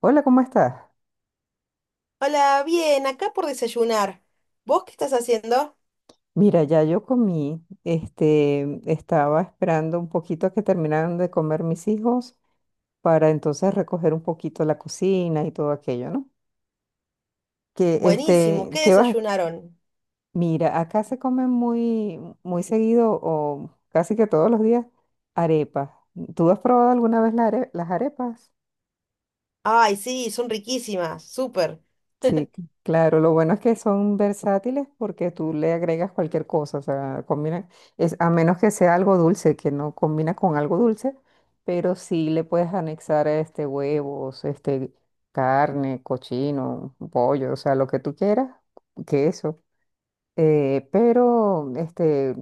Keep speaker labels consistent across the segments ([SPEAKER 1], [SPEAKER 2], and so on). [SPEAKER 1] Hola, ¿cómo estás?
[SPEAKER 2] Hola, bien, acá por desayunar. ¿Vos qué estás haciendo?
[SPEAKER 1] Mira, ya yo comí, estaba esperando un poquito a que terminaran de comer mis hijos para entonces recoger un poquito la cocina y todo aquello, ¿no? Que,
[SPEAKER 2] Buenísimo, ¿qué
[SPEAKER 1] ¿qué vas?
[SPEAKER 2] desayunaron?
[SPEAKER 1] Mira, acá se comen muy, muy seguido o casi que todos los días arepas. ¿Tú has probado alguna vez las arepas?
[SPEAKER 2] Ay, sí, son riquísimas, súper.
[SPEAKER 1] Sí, claro, lo bueno es que son versátiles porque tú le agregas cualquier cosa, o sea, combina, es, a menos que sea algo dulce, que no combina con algo dulce, pero sí le puedes anexar este huevos, este carne, cochino, pollo, o sea, lo que tú quieras, queso, eh, pero este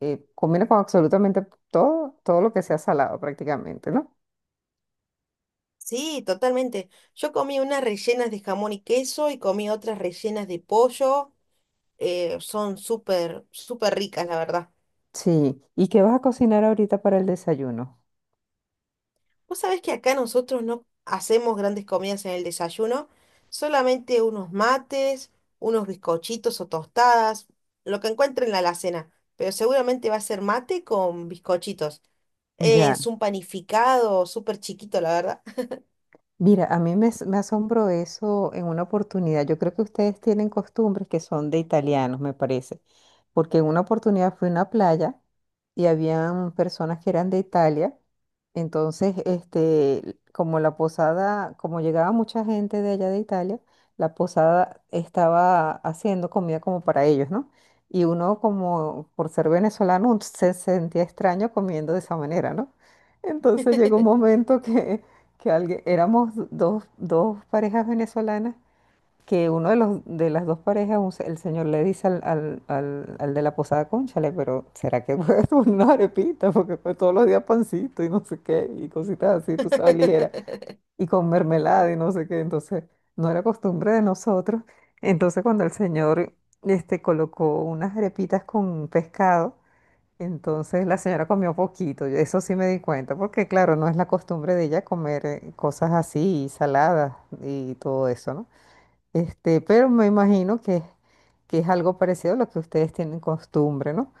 [SPEAKER 1] combina con absolutamente todo, todo lo que sea salado prácticamente, ¿no?
[SPEAKER 2] Sí, totalmente. Yo comí unas rellenas de jamón y queso y comí otras rellenas de pollo. Son súper, súper ricas, la verdad.
[SPEAKER 1] Sí, ¿y qué vas a cocinar ahorita para el desayuno?
[SPEAKER 2] Vos sabés que acá nosotros no hacemos grandes comidas en el desayuno, solamente unos mates, unos bizcochitos o tostadas, lo que encuentren en la alacena. Pero seguramente va a ser mate con bizcochitos.
[SPEAKER 1] Ya.
[SPEAKER 2] Es un panificado súper chiquito, la verdad.
[SPEAKER 1] Mira, a mí me, as- me asombró eso en una oportunidad. Yo creo que ustedes tienen costumbres que son de italianos, me parece, porque en una oportunidad fui a una playa y habían personas que eran de Italia. Entonces, como la posada, como llegaba mucha gente de allá de Italia, la posada estaba haciendo comida como para ellos, ¿no? Y uno como por ser venezolano se sentía extraño comiendo de esa manera, ¿no? Entonces llegó un momento que alguien, éramos dos, dos parejas venezolanas, que uno de los de las dos parejas, el señor le dice al de la posada, cónchale, pero ¿será que puedes una arepita? Porque pues, todos los días pancito y no sé qué, y cositas así, tú sabes, ligera, y con mermelada y no sé qué. Entonces, no era costumbre de nosotros. Entonces, cuando el señor colocó unas arepitas con pescado, entonces la señora comió poquito, eso sí me di cuenta, porque claro, no es la costumbre de ella comer cosas así, saladas y todo eso, ¿no? Pero me imagino que es algo parecido a lo que ustedes tienen costumbre, ¿no?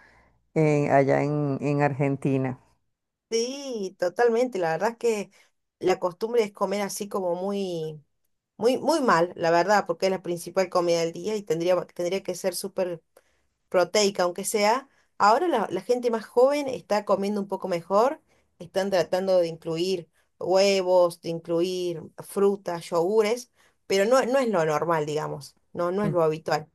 [SPEAKER 1] Allá en Argentina.
[SPEAKER 2] Sí, totalmente. La verdad es que la costumbre es comer así como muy, muy, muy mal, la verdad, porque es la principal comida del día y tendría que ser súper proteica, aunque sea. Ahora la gente más joven está comiendo un poco mejor, están tratando de incluir huevos, de incluir frutas, yogures, pero no, no es lo normal, digamos. No, no es
[SPEAKER 1] Mm.
[SPEAKER 2] lo habitual.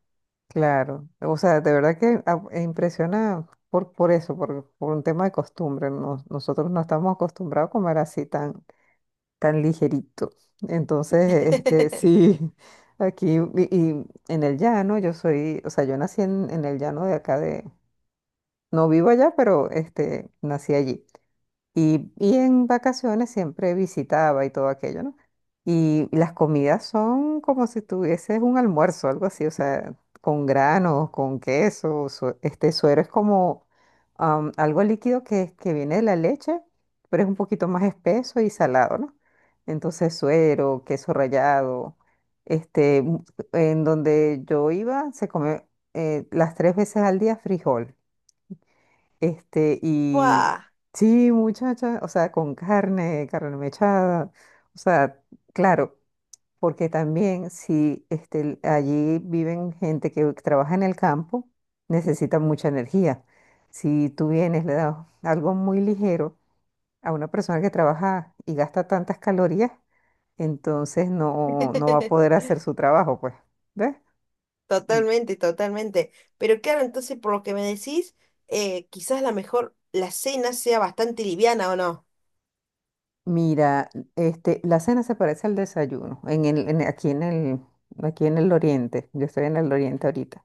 [SPEAKER 1] Claro, o sea, de verdad que impresiona por eso, por un tema de costumbre. Nosotros no estamos acostumbrados a comer así tan. Tan ligerito. Entonces, sí, aquí y en el llano, yo soy, o sea, yo nací en el llano de acá de, no vivo allá, pero nací allí. Y en vacaciones siempre visitaba y todo aquello, ¿no? Y las comidas son como si tuvieses un almuerzo, algo así, o sea, con granos, con queso, suero es como algo líquido que viene de la leche, pero es un poquito más espeso y salado, ¿no? Entonces, suero, queso rallado, este, mu- en donde yo iba se come las tres veces al día frijol. Este, y
[SPEAKER 2] ¡Buah!
[SPEAKER 1] sí, muchacha, o sea, con carne, carne mechada, o sea, claro, porque también si allí viven gente que trabaja en el campo, necesita mucha energía. Si tú vienes, le das algo muy ligero a una persona que trabaja y gasta tantas calorías, entonces no, no va a poder hacer su trabajo, pues, ¿ves?
[SPEAKER 2] Totalmente, totalmente. Pero claro, entonces por lo que me decís, quizás la mejor, la cena sea bastante liviana, ¿o no?
[SPEAKER 1] Mira, la cena se parece al desayuno en el, aquí en el, aquí en el oriente. Yo estoy en el oriente ahorita.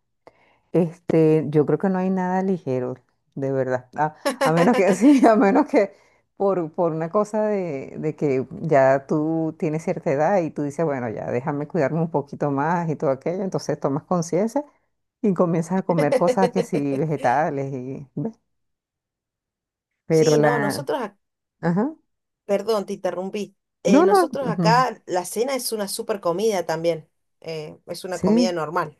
[SPEAKER 1] Yo creo que no hay nada ligero, de verdad. A menos que sí, a menos que por una cosa de que ya tú tienes cierta edad y tú dices, bueno, ya déjame cuidarme un poquito más y todo aquello. Entonces tomas conciencia y comienzas a comer cosas que sí, vegetales y, ¿ves? Pero
[SPEAKER 2] Sí, no,
[SPEAKER 1] la,
[SPEAKER 2] nosotros,
[SPEAKER 1] ajá.
[SPEAKER 2] perdón, te interrumpí.
[SPEAKER 1] No, no,
[SPEAKER 2] Nosotros
[SPEAKER 1] ujú,
[SPEAKER 2] acá la cena es una super comida también. Es una comida
[SPEAKER 1] sí.
[SPEAKER 2] normal.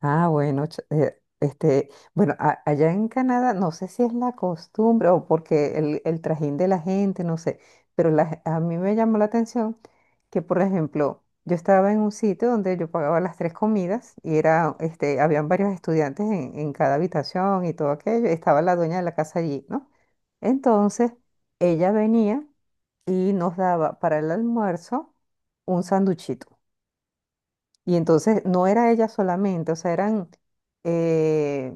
[SPEAKER 1] Ah, bueno, bueno, allá en Canadá, no sé si es la costumbre o porque el trajín de la gente, no sé, pero a mí me llamó la atención que, por ejemplo, yo estaba en un sitio donde yo pagaba las tres comidas y era, habían varios estudiantes en cada habitación y todo aquello, estaba la dueña de la casa allí, ¿no? Entonces, ella venía y nos daba para el almuerzo un sanduchito. Y entonces no era ella solamente, o sea, eran, eh,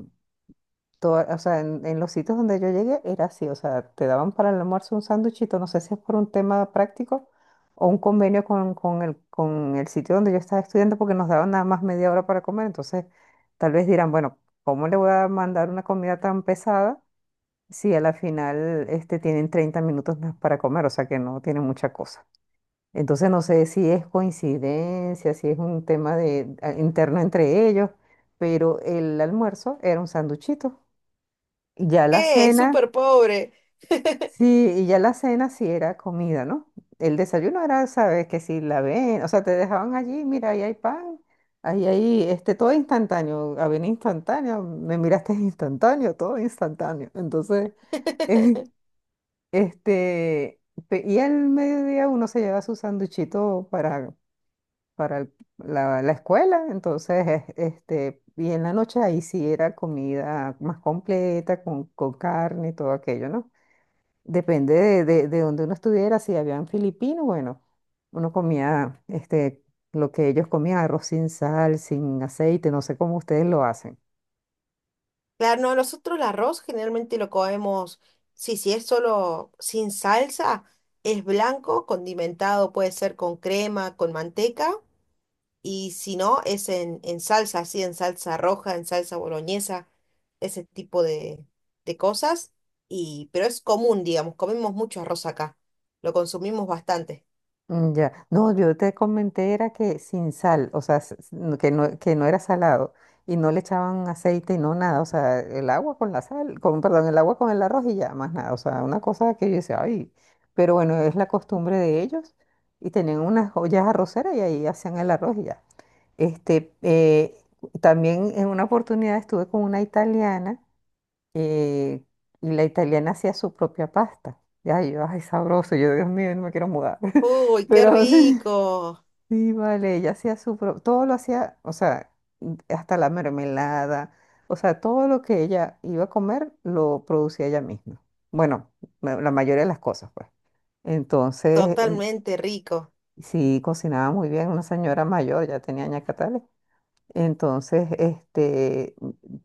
[SPEAKER 1] o sea, en los sitios donde yo llegué era así, o sea, te daban para el almuerzo un sándwichito, no sé si es por un tema práctico o un convenio con el sitio donde yo estaba estudiando porque nos daban nada más media hora para comer, entonces tal vez dirán, bueno, ¿cómo le voy a mandar una comida tan pesada si a la final tienen 30 minutos más para comer, o sea que no tienen mucha cosa? Entonces no sé si es coincidencia, si es un tema de, interno entre ellos, pero el almuerzo era un sanduchito. Y ya la
[SPEAKER 2] ¿Qué?
[SPEAKER 1] cena,
[SPEAKER 2] Súper pobre.
[SPEAKER 1] sí, y ya la cena sí era comida, ¿no? El desayuno era, sabes, que si la ven, o sea, te dejaban allí, mira, ahí hay pan, ahí hay, todo instantáneo, avena instantánea, me miraste instantáneo, todo instantáneo. Entonces, este, y al mediodía uno se lleva su sanduchito para la escuela, entonces, y en la noche ahí sí era comida más completa, con carne y todo aquello, ¿no? Depende de donde uno estuviera, si habían filipinos, bueno, uno comía, lo que ellos comían, arroz sin sal, sin aceite, no sé cómo ustedes lo hacen.
[SPEAKER 2] Claro, no, nosotros el arroz generalmente lo comemos, sí, si es solo sin salsa, es blanco, condimentado, puede ser con crema, con manteca, y si no, es en salsa, así en salsa roja, en salsa boloñesa, ese tipo de cosas, y, pero es común, digamos, comemos mucho arroz acá, lo consumimos bastante.
[SPEAKER 1] Mm. Ya, no, yo te comenté era que sin sal, o sea, que no era salado y no le echaban aceite y no nada, o sea, el agua con la sal, con, perdón, el agua con el arroz y ya, más nada, o sea, una cosa que yo decía, ay, pero bueno, es la costumbre de ellos y tenían unas ollas arroceras y ahí hacían el arroz y ya. Este, eh, también en una oportunidad estuve con una italiana y, y la italiana hacía su propia pasta. Ya, yo, ay, sabroso, yo, Dios mío, no me quiero mudar.
[SPEAKER 2] Uy, qué
[SPEAKER 1] Pero sí,
[SPEAKER 2] rico,
[SPEAKER 1] sí, vale, ella hacía su propio, todo lo hacía, o sea, hasta la mermelada, o sea, todo lo que ella iba a comer lo producía ella misma. Bueno, la mayoría de las cosas, pues. Entonces,
[SPEAKER 2] totalmente rico,
[SPEAKER 1] sí, cocinaba muy bien, una señora mayor, ya tenía ñacatales. Entonces,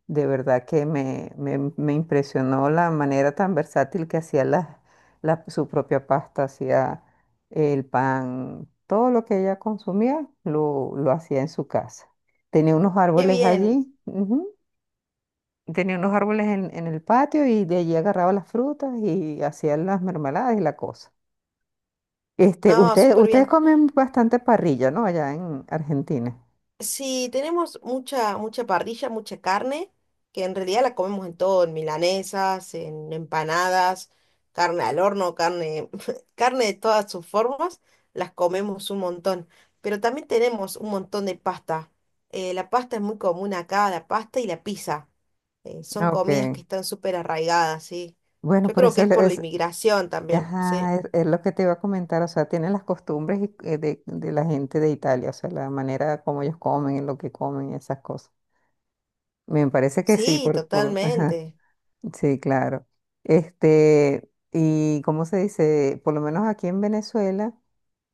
[SPEAKER 1] de verdad que me impresionó la manera tan versátil que hacía la, su propia pasta, hacía el pan, todo lo que ella consumía lo hacía en su casa. Tenía unos
[SPEAKER 2] qué
[SPEAKER 1] árboles
[SPEAKER 2] bien,
[SPEAKER 1] allí, ujú, tenía unos árboles en el patio y de allí agarraba las frutas y hacía las mermeladas y la cosa.
[SPEAKER 2] no, súper
[SPEAKER 1] Ustedes
[SPEAKER 2] bien.
[SPEAKER 1] comen bastante parrilla, ¿no? Allá en Argentina.
[SPEAKER 2] Sí, tenemos mucha, mucha parrilla, mucha carne, que en realidad la comemos en todo, en milanesas, en empanadas, carne al horno, carne, carne de todas sus formas, las comemos un montón. Pero también tenemos un montón de pasta. La pasta es muy común acá, la pasta y la pizza. Son
[SPEAKER 1] Ah, ok.
[SPEAKER 2] comidas que están súper arraigadas, sí.
[SPEAKER 1] Bueno,
[SPEAKER 2] Yo
[SPEAKER 1] por
[SPEAKER 2] creo
[SPEAKER 1] eso
[SPEAKER 2] que es por la inmigración también, sí.
[SPEAKER 1] ajá, es lo que te iba a comentar, o sea, tienen las costumbres de la gente de Italia, o sea, la manera como ellos comen, lo que comen, esas cosas. Me parece que sí,
[SPEAKER 2] Sí,
[SPEAKER 1] por, ajá,
[SPEAKER 2] totalmente.
[SPEAKER 1] sí, claro. Y cómo se dice, por lo menos aquí en Venezuela,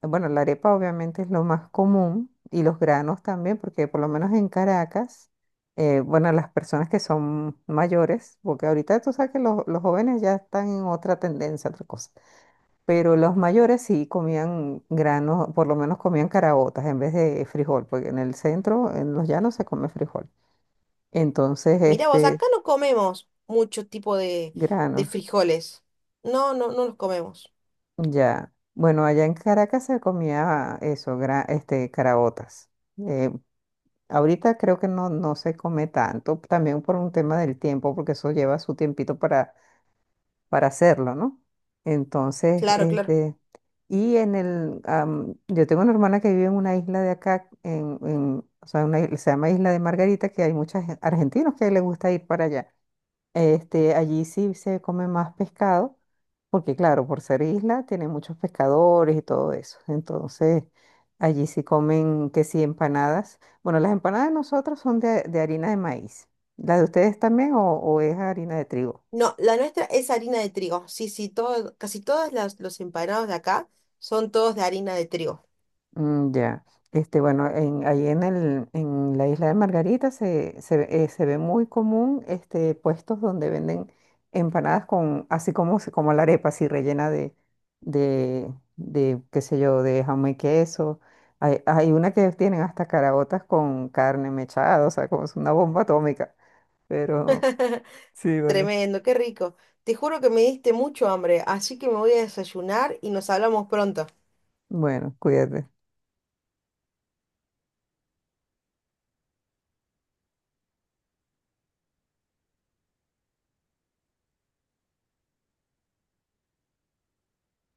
[SPEAKER 1] bueno, la arepa obviamente es lo más común y los granos también, porque por lo menos en Caracas, bueno, las personas que son mayores, porque ahorita tú sabes que los jóvenes ya están en otra tendencia, otra cosa. Pero los mayores sí comían granos, por lo menos comían caraotas en vez de frijol, porque en el centro, en los llanos, se come frijol. Entonces,
[SPEAKER 2] Mirá vos, acá no comemos mucho tipo de
[SPEAKER 1] granos,
[SPEAKER 2] frijoles. No, no, no los comemos.
[SPEAKER 1] ya. Bueno, allá en Caracas se comía eso, caraotas. Eh, ahorita creo que no, no se come tanto, también por un tema del tiempo, porque eso lleva su tiempito para hacerlo, ¿no? Entonces,
[SPEAKER 2] Claro, claro.
[SPEAKER 1] en el, yo tengo una hermana que vive en una isla de acá, en, o sea, se llama Isla de Margarita, que hay muchos argentinos que les gusta ir para allá. Allí sí se come más pescado, porque claro, por ser isla, tiene muchos pescadores y todo eso. Entonces, allí sí comen que sí empanadas. Bueno, las empanadas de nosotros son de harina de maíz. ¿La de ustedes también o es harina de trigo?
[SPEAKER 2] No, la nuestra es harina de trigo. Sí, sí, todo, casi los empanados de acá son todos de harina de trigo.
[SPEAKER 1] Mm. Ya, bueno, en, ahí en el, en la isla de Margarita se, se ve muy común puestos donde venden empanadas con, así como, como la arepa, así rellena de, qué sé yo, de jamón y queso. Hay una que tienen hasta caraotas con carne mechada, o sea, como es una bomba atómica. Pero sí, vale.
[SPEAKER 2] Tremendo, qué rico. Te juro que me diste mucho hambre, así que me voy a desayunar y nos hablamos pronto.
[SPEAKER 1] Bueno, cuídate.